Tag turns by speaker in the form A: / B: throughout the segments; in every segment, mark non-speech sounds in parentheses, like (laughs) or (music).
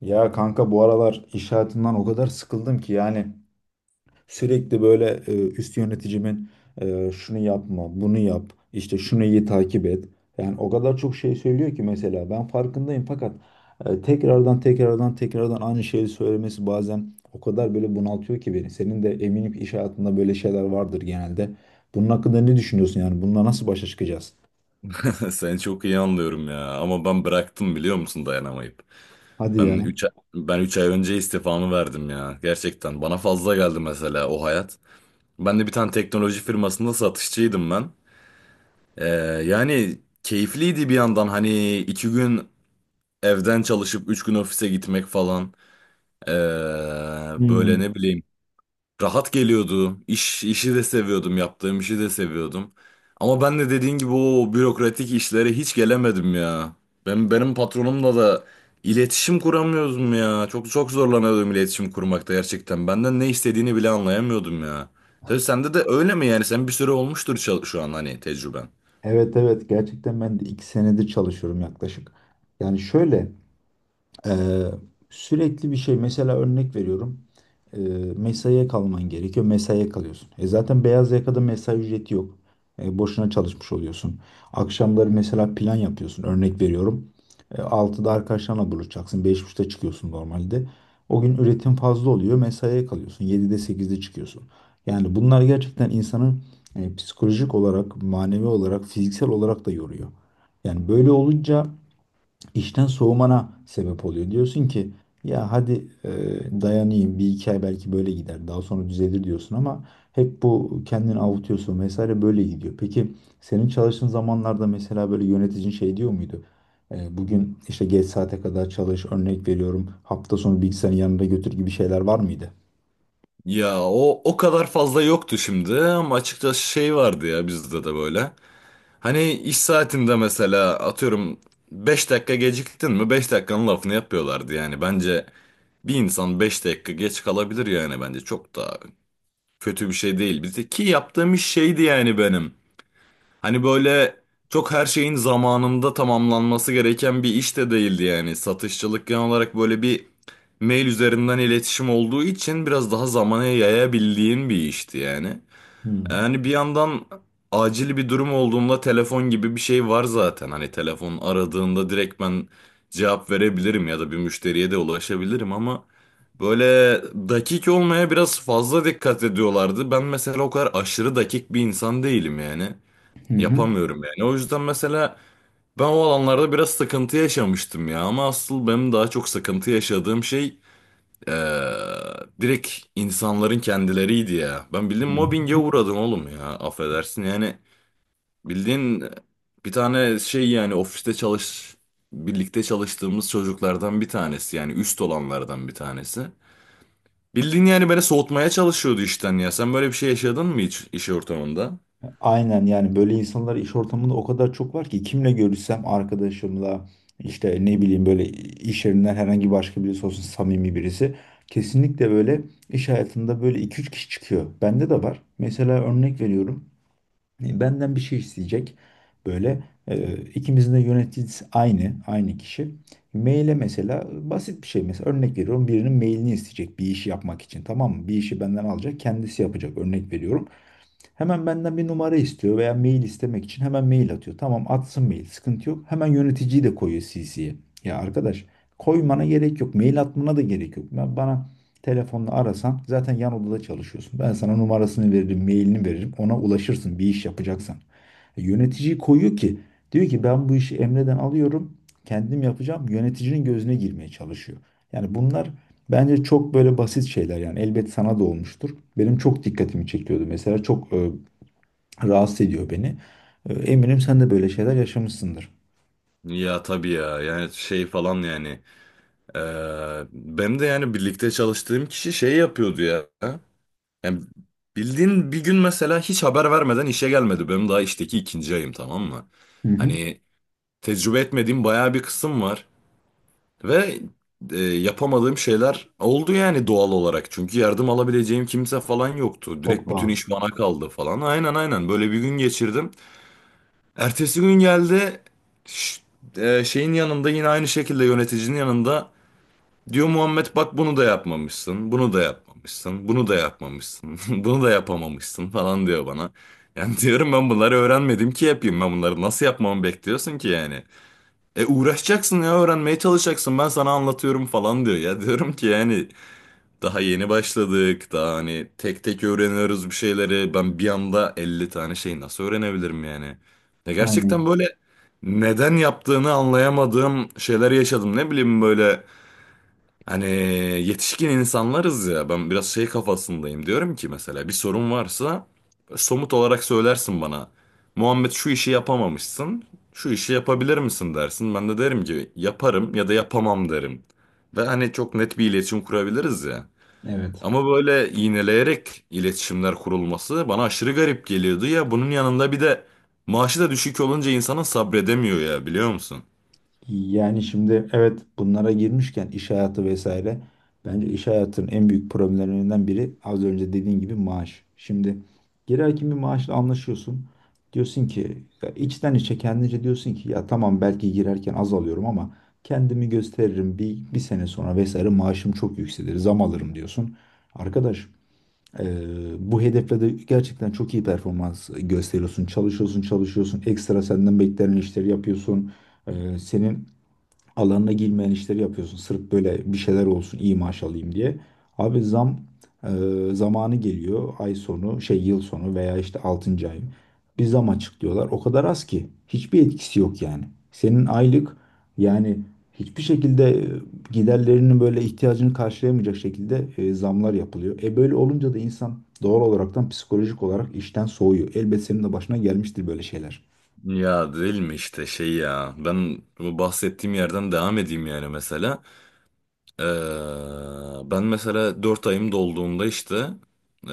A: Ya kanka bu aralar iş hayatından o kadar sıkıldım ki yani sürekli böyle üst yöneticimin şunu yapma, bunu yap, işte şunu iyi takip et. Yani o kadar çok şey söylüyor ki mesela ben farkındayım fakat tekrardan aynı şeyi söylemesi bazen o kadar böyle bunaltıyor ki beni. Senin de eminim ki iş hayatında böyle şeyler vardır genelde. Bunun hakkında ne düşünüyorsun yani? Bununla nasıl başa çıkacağız?
B: (laughs) Seni çok iyi anlıyorum ya, ama ben bıraktım, biliyor musun, dayanamayıp.
A: Hadi
B: Ben
A: ya.
B: 3 ben 3 ay önce istifamı verdim ya. Gerçekten bana fazla geldi mesela o hayat. Ben de bir tane teknoloji firmasında satışçıydım ben. Ee, yani keyifliydi bir yandan, hani 2 gün evden çalışıp 3 gün ofise gitmek falan. Ee, böyle
A: Hmm.
B: ne bileyim, rahat geliyordu. İş, işi de seviyordum. Yaptığım işi de seviyordum. Ama ben de dediğin gibi o bürokratik işlere hiç gelemedim ya. Benim patronumla da iletişim kuramıyordum ya. Çok çok zorlanıyordum iletişim kurmakta gerçekten. Benden ne istediğini bile anlayamıyordum ya. Tabii sende de öyle mi yani? Sen bir süre olmuştur, şu an hani, tecrüben.
A: Evet, evet, gerçekten ben de iki senedir çalışıyorum yaklaşık. Yani şöyle. Ee, sürekli bir şey mesela örnek veriyorum. Ee, mesaiye kalman gerekiyor. Mesaiye kalıyorsun. E zaten beyaz yakada mesai ücreti yok. Boşuna çalışmış oluyorsun. Akşamları mesela plan yapıyorsun. Örnek veriyorum. 6'da arkadaşlarla buluşacaksın. Beş buçukta çıkıyorsun normalde. O gün üretim fazla oluyor. Mesaiye kalıyorsun. 7'de sekizde çıkıyorsun. Yani bunlar gerçekten insanı psikolojik olarak, manevi olarak, fiziksel olarak da yoruyor. Yani böyle olunca işten soğumana sebep oluyor. Diyorsun ki ya hadi dayanayım bir iki ay, belki böyle gider daha sonra düzelir diyorsun ama hep bu kendini avutuyorsun vesaire böyle gidiyor. Peki senin çalıştığın zamanlarda mesela böyle yöneticin şey diyor muydu? Bugün işte geç saate kadar çalış örnek veriyorum, hafta sonu bilgisayarın yanında götür gibi şeyler var mıydı?
B: Ya o kadar fazla yoktu şimdi, ama açıkçası şey vardı ya, bizde de böyle. Hani iş saatinde mesela, atıyorum, 5 dakika geciktin mi, 5 dakikanın lafını yapıyorlardı yani. Bence bir insan 5 dakika geç kalabilir, yani bence çok da kötü bir şey değil. Bir de ki yaptığım iş şeydi yani benim. Hani böyle çok her şeyin zamanında tamamlanması gereken bir iş de değildi yani. Satışçılık genel olarak böyle bir mail üzerinden iletişim olduğu için biraz daha zamana yayabildiğin bir işti yani.
A: Hmm.
B: Yani bir yandan acil bir durum olduğunda telefon gibi bir şey var zaten. Hani telefon aradığında direkt ben cevap verebilirim ya da bir müşteriye de ulaşabilirim, ama böyle dakik olmaya biraz fazla dikkat ediyorlardı. Ben mesela o kadar aşırı dakik bir insan değilim yani.
A: Hı hı.
B: Yapamıyorum yani. O yüzden mesela ben o alanlarda biraz sıkıntı yaşamıştım ya, ama asıl benim daha çok sıkıntı yaşadığım şey, ee, direkt insanların kendileriydi ya. Ben
A: Hı.
B: bildiğin mobbinge uğradım oğlum ya. Affedersin yani. Bildiğin bir tane şey yani, ofiste çalış, birlikte çalıştığımız çocuklardan bir tanesi, yani üst olanlardan bir tanesi. Bildiğin, yani, beni soğutmaya çalışıyordu işten ya. Sen böyle bir şey yaşadın mı hiç iş ortamında?
A: Aynen, yani böyle insanlar iş ortamında o kadar çok var ki kimle görüşsem arkadaşımla işte ne bileyim böyle iş yerinden herhangi başka birisi olsun samimi birisi kesinlikle böyle iş hayatında böyle iki üç kişi çıkıyor. Bende de var. Mesela örnek veriyorum. Benden bir şey isteyecek. Böyle, ikimizin de yöneticisi aynı, aynı kişi. Maile mesela basit bir şey mesela örnek veriyorum, birinin mailini isteyecek bir işi yapmak için, tamam mı? Bir işi benden alacak, kendisi yapacak, örnek veriyorum. Hemen benden bir numara istiyor veya mail istemek için hemen mail atıyor. Tamam, atsın mail, sıkıntı yok. Hemen yöneticiyi de koyuyor CC'ye. Ya arkadaş, koymana gerek yok. Mail atmana da gerek yok. Ben bana telefonla arasan, zaten yan odada çalışıyorsun. Ben sana numarasını veririm, mailini veririm. Ona ulaşırsın bir iş yapacaksan. Yöneticiyi koyuyor ki, diyor ki ben bu işi Emre'den alıyorum. Kendim yapacağım. Yöneticinin gözüne girmeye çalışıyor. Yani bunlar, bence çok böyle basit şeyler yani, elbet sana da olmuştur. Benim çok dikkatimi çekiyordu mesela, çok rahatsız ediyor beni. Eminim sen de böyle şeyler yaşamışsındır.
B: Ya tabii ya, yani şey falan yani. Ee, Benim de yani birlikte çalıştığım kişi şey yapıyordu ya. Yani bildiğin, bir gün mesela hiç haber vermeden işe gelmedi. Benim daha işteki ikinci ayım, tamam mı?
A: Hı hı.
B: Hani tecrübe etmediğim bayağı bir kısım var. Ve yapamadığım şeyler oldu yani doğal olarak. Çünkü yardım alabileceğim kimse falan yoktu.
A: Çok
B: Direkt bütün
A: pahalı.
B: iş bana kaldı falan. Aynen aynen, böyle bir gün geçirdim. Ertesi gün geldi, ş- şeyin yanında, yine aynı şekilde yöneticinin yanında diyor, Muhammed bak bunu da yapmamışsın, bunu da yapmamışsın, bunu da yapmamışsın, (laughs) bunu da yapamamışsın falan diyor bana. Yani (laughs) diyorum, ben bunları öğrenmedim ki yapayım. Ben bunları nasıl yapmamı bekliyorsun ki yani? E, uğraşacaksın ya, öğrenmeye çalışacaksın, ben sana anlatıyorum falan diyor. Ya diyorum ki, yani daha yeni başladık, daha hani tek tek öğreniyoruz bir şeyleri. Ben bir anda 50 tane şey nasıl öğrenebilirim yani? Ya gerçekten
A: Aynen.
B: böyle neden yaptığını anlayamadığım şeyler yaşadım, ne bileyim böyle. Hani yetişkin insanlarız ya, ben biraz şey kafasındayım, diyorum ki mesela bir sorun varsa somut olarak söylersin bana. Muhammed şu işi yapamamışsın, şu işi yapabilir misin dersin, ben de derim ki yaparım ya da yapamam derim. Ve hani çok net bir iletişim kurabiliriz ya.
A: Evet.
B: Ama böyle iğneleyerek iletişimler kurulması bana aşırı garip geliyordu ya, bunun yanında bir de maaşı da düşük olunca insanın sabredemiyor ya, biliyor musun?
A: Yani şimdi, evet, bunlara girmişken iş hayatı vesaire, bence iş hayatının en büyük problemlerinden biri az önce dediğin gibi maaş. Şimdi girerken bir maaşla anlaşıyorsun. Diyorsun ki ya içten içe kendince diyorsun ki ya tamam, belki girerken az alıyorum ama kendimi gösteririm, bir sene sonra vesaire maaşım çok yükselir, zam alırım diyorsun. Arkadaş, eee, bu hedefle de gerçekten çok iyi performans gösteriyorsun, çalışıyorsun, çalışıyorsun, ekstra senden beklenen işleri yapıyorsun. Senin alanına girmeyen işleri yapıyorsun. Sırf böyle bir şeyler olsun, iyi maaş alayım diye. Abi zam e, zamanı geliyor. Ay sonu, şey, yıl sonu veya işte 6. ay. Bir zam açıklıyorlar. O kadar az ki. Hiçbir etkisi yok yani. Senin aylık, yani hiçbir şekilde giderlerinin böyle ihtiyacını karşılayamayacak şekilde zamlar yapılıyor. E böyle olunca da insan doğal olaraktan psikolojik olarak işten soğuyor. Elbet senin de başına gelmiştir böyle şeyler.
B: Ya değil mi, işte şey ya, ben bu bahsettiğim yerden devam edeyim yani. Mesela Ee, ben mesela 4 ayım dolduğunda işte, ee,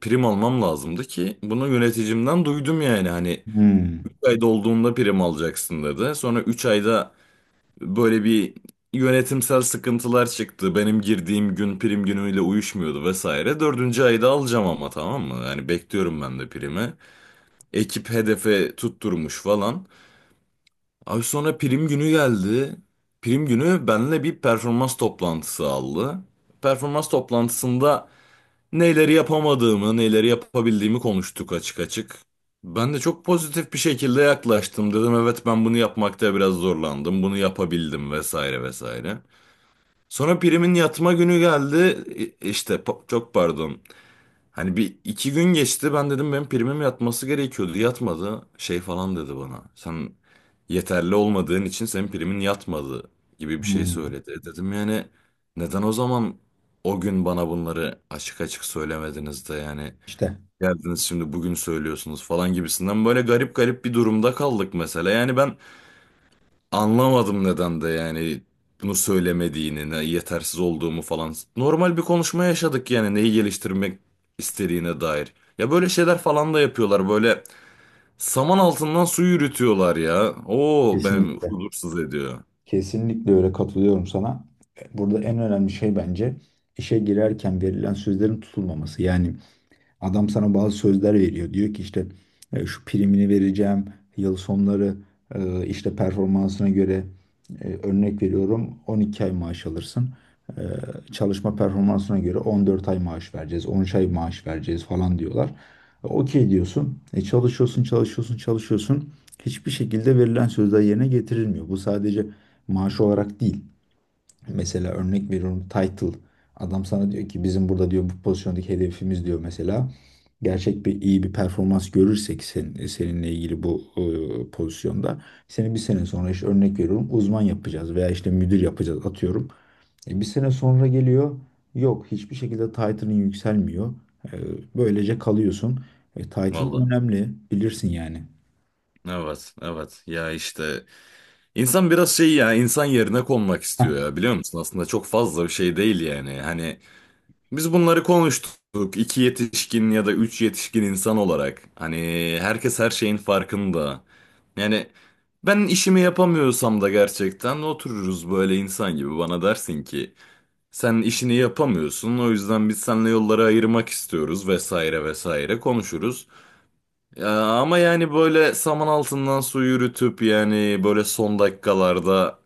B: prim almam lazımdı, ki bunu yöneticimden duydum, yani hani 3
A: Hmm.
B: ay dolduğunda prim alacaksın dedi, sonra 3 ayda böyle bir yönetimsel sıkıntılar çıktı, benim girdiğim gün prim günüyle uyuşmuyordu vesaire, dördüncü ayda alacağım ama, tamam mı, yani bekliyorum ben de primi, ekip hedefe tutturmuş falan. Abi sonra prim günü geldi. Prim günü benimle bir performans toplantısı aldı. Performans toplantısında neleri yapamadığımı, neleri yapabildiğimi konuştuk, açık açık. Ben de çok pozitif bir şekilde yaklaştım. Dedim evet, ben bunu yapmakta biraz zorlandım. Bunu yapabildim vesaire vesaire. Sonra primin yatma günü geldi. İşte çok pardon. Hani bir iki gün geçti, ben dedim benim primim yatması gerekiyordu, yatmadı şey falan dedi bana. Sen yeterli olmadığın için senin primin yatmadı gibi bir şey
A: Hmm.
B: söyledi. E, dedim yani, neden o zaman o gün bana bunları açık açık söylemediniz de yani,
A: İşte
B: geldiniz şimdi bugün söylüyorsunuz falan gibisinden, böyle garip garip bir durumda kaldık mesela. Yani ben anlamadım neden de yani bunu söylemediğini, ne yetersiz olduğumu falan. Normal bir konuşma yaşadık yani, neyi geliştirmek istediğine dair. Ya böyle şeyler falan da yapıyorlar. Böyle saman altından su yürütüyorlar ya. Oo, ben
A: kesinlikle.
B: huzursuz ediyor.
A: Kesinlikle öyle, katılıyorum sana. Burada en önemli şey bence işe girerken verilen sözlerin tutulmaması. Yani adam sana bazı sözler veriyor. Diyor ki işte şu primini vereceğim, yıl sonları işte performansına göre örnek veriyorum 12 ay maaş alırsın. E, Çalışma performansına göre 14 ay maaş vereceğiz, 13 ay maaş vereceğiz falan diyorlar. Okey diyorsun. Çalışıyorsun, çalışıyorsun, çalışıyorsun. Hiçbir şekilde verilen sözler yerine getirilmiyor. Bu sadece maaş olarak değil. Mesela örnek veriyorum, title. Adam sana diyor ki bizim burada, diyor, bu pozisyondaki hedefimiz, diyor mesela. Gerçek bir iyi bir performans görürsek sen, seninle ilgili bu pozisyonda seni bir sene sonra işte örnek veriyorum uzman yapacağız veya işte müdür yapacağız atıyorum. Bir sene sonra geliyor, yok, hiçbir şekilde title'ın yükselmiyor. E, böylece kalıyorsun. Title
B: Valla.
A: önemli bilirsin yani.
B: Evet, evet. Ya işte, insan biraz şey ya, insan yerine konmak
A: Heh,
B: istiyor ya, biliyor musun? Aslında çok fazla bir şey değil yani. Hani biz bunları konuştuk. İki yetişkin ya da üç yetişkin insan olarak. Hani herkes her şeyin farkında. Yani ben işimi yapamıyorsam da, gerçekten otururuz böyle insan gibi, bana dersin ki sen işini yapamıyorsun, o yüzden biz seninle yolları ayırmak istiyoruz vesaire vesaire, konuşuruz. Ya, ama yani böyle saman altından su yürütüp, yani böyle son dakikalarda,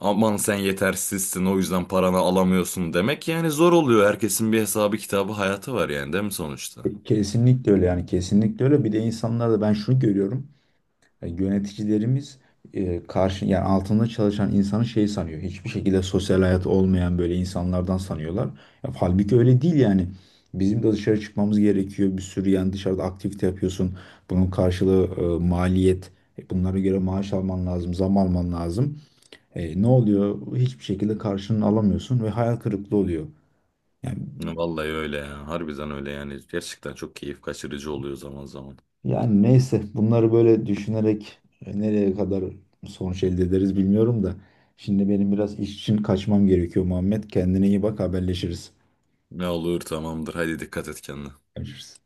B: aman sen yetersizsin o yüzden paranı alamıyorsun demek yani, zor oluyor. Herkesin bir hesabı kitabı, hayatı var yani, değil mi sonuçta?
A: kesinlikle öyle yani, kesinlikle öyle. Bir de insanlarda ben şunu görüyorum. Yani yöneticilerimiz karşı, yani altında çalışan insanı şey sanıyor. Hiçbir şekilde sosyal hayat olmayan böyle insanlardan sanıyorlar. Ya, halbuki öyle değil yani. Bizim de dışarı çıkmamız gerekiyor. Bir sürü yani dışarıda aktivite yapıyorsun. Bunun karşılığı maliyet. Bunlara göre maaş alman lazım, zam alman lazım. Ne oluyor? Hiçbir şekilde karşılığını alamıyorsun ve hayal kırıklığı oluyor. Yani
B: Ya vallahi öyle ya, harbiden öyle yani, gerçekten çok keyif kaçırıcı oluyor zaman zaman.
A: Yani neyse, bunları böyle düşünerek nereye kadar sonuç elde ederiz bilmiyorum da. Şimdi benim biraz iş için kaçmam gerekiyor Muhammed. Kendine iyi bak, haberleşiriz.
B: Ne olur, tamamdır, hadi dikkat et kendine.
A: Görüşürüz.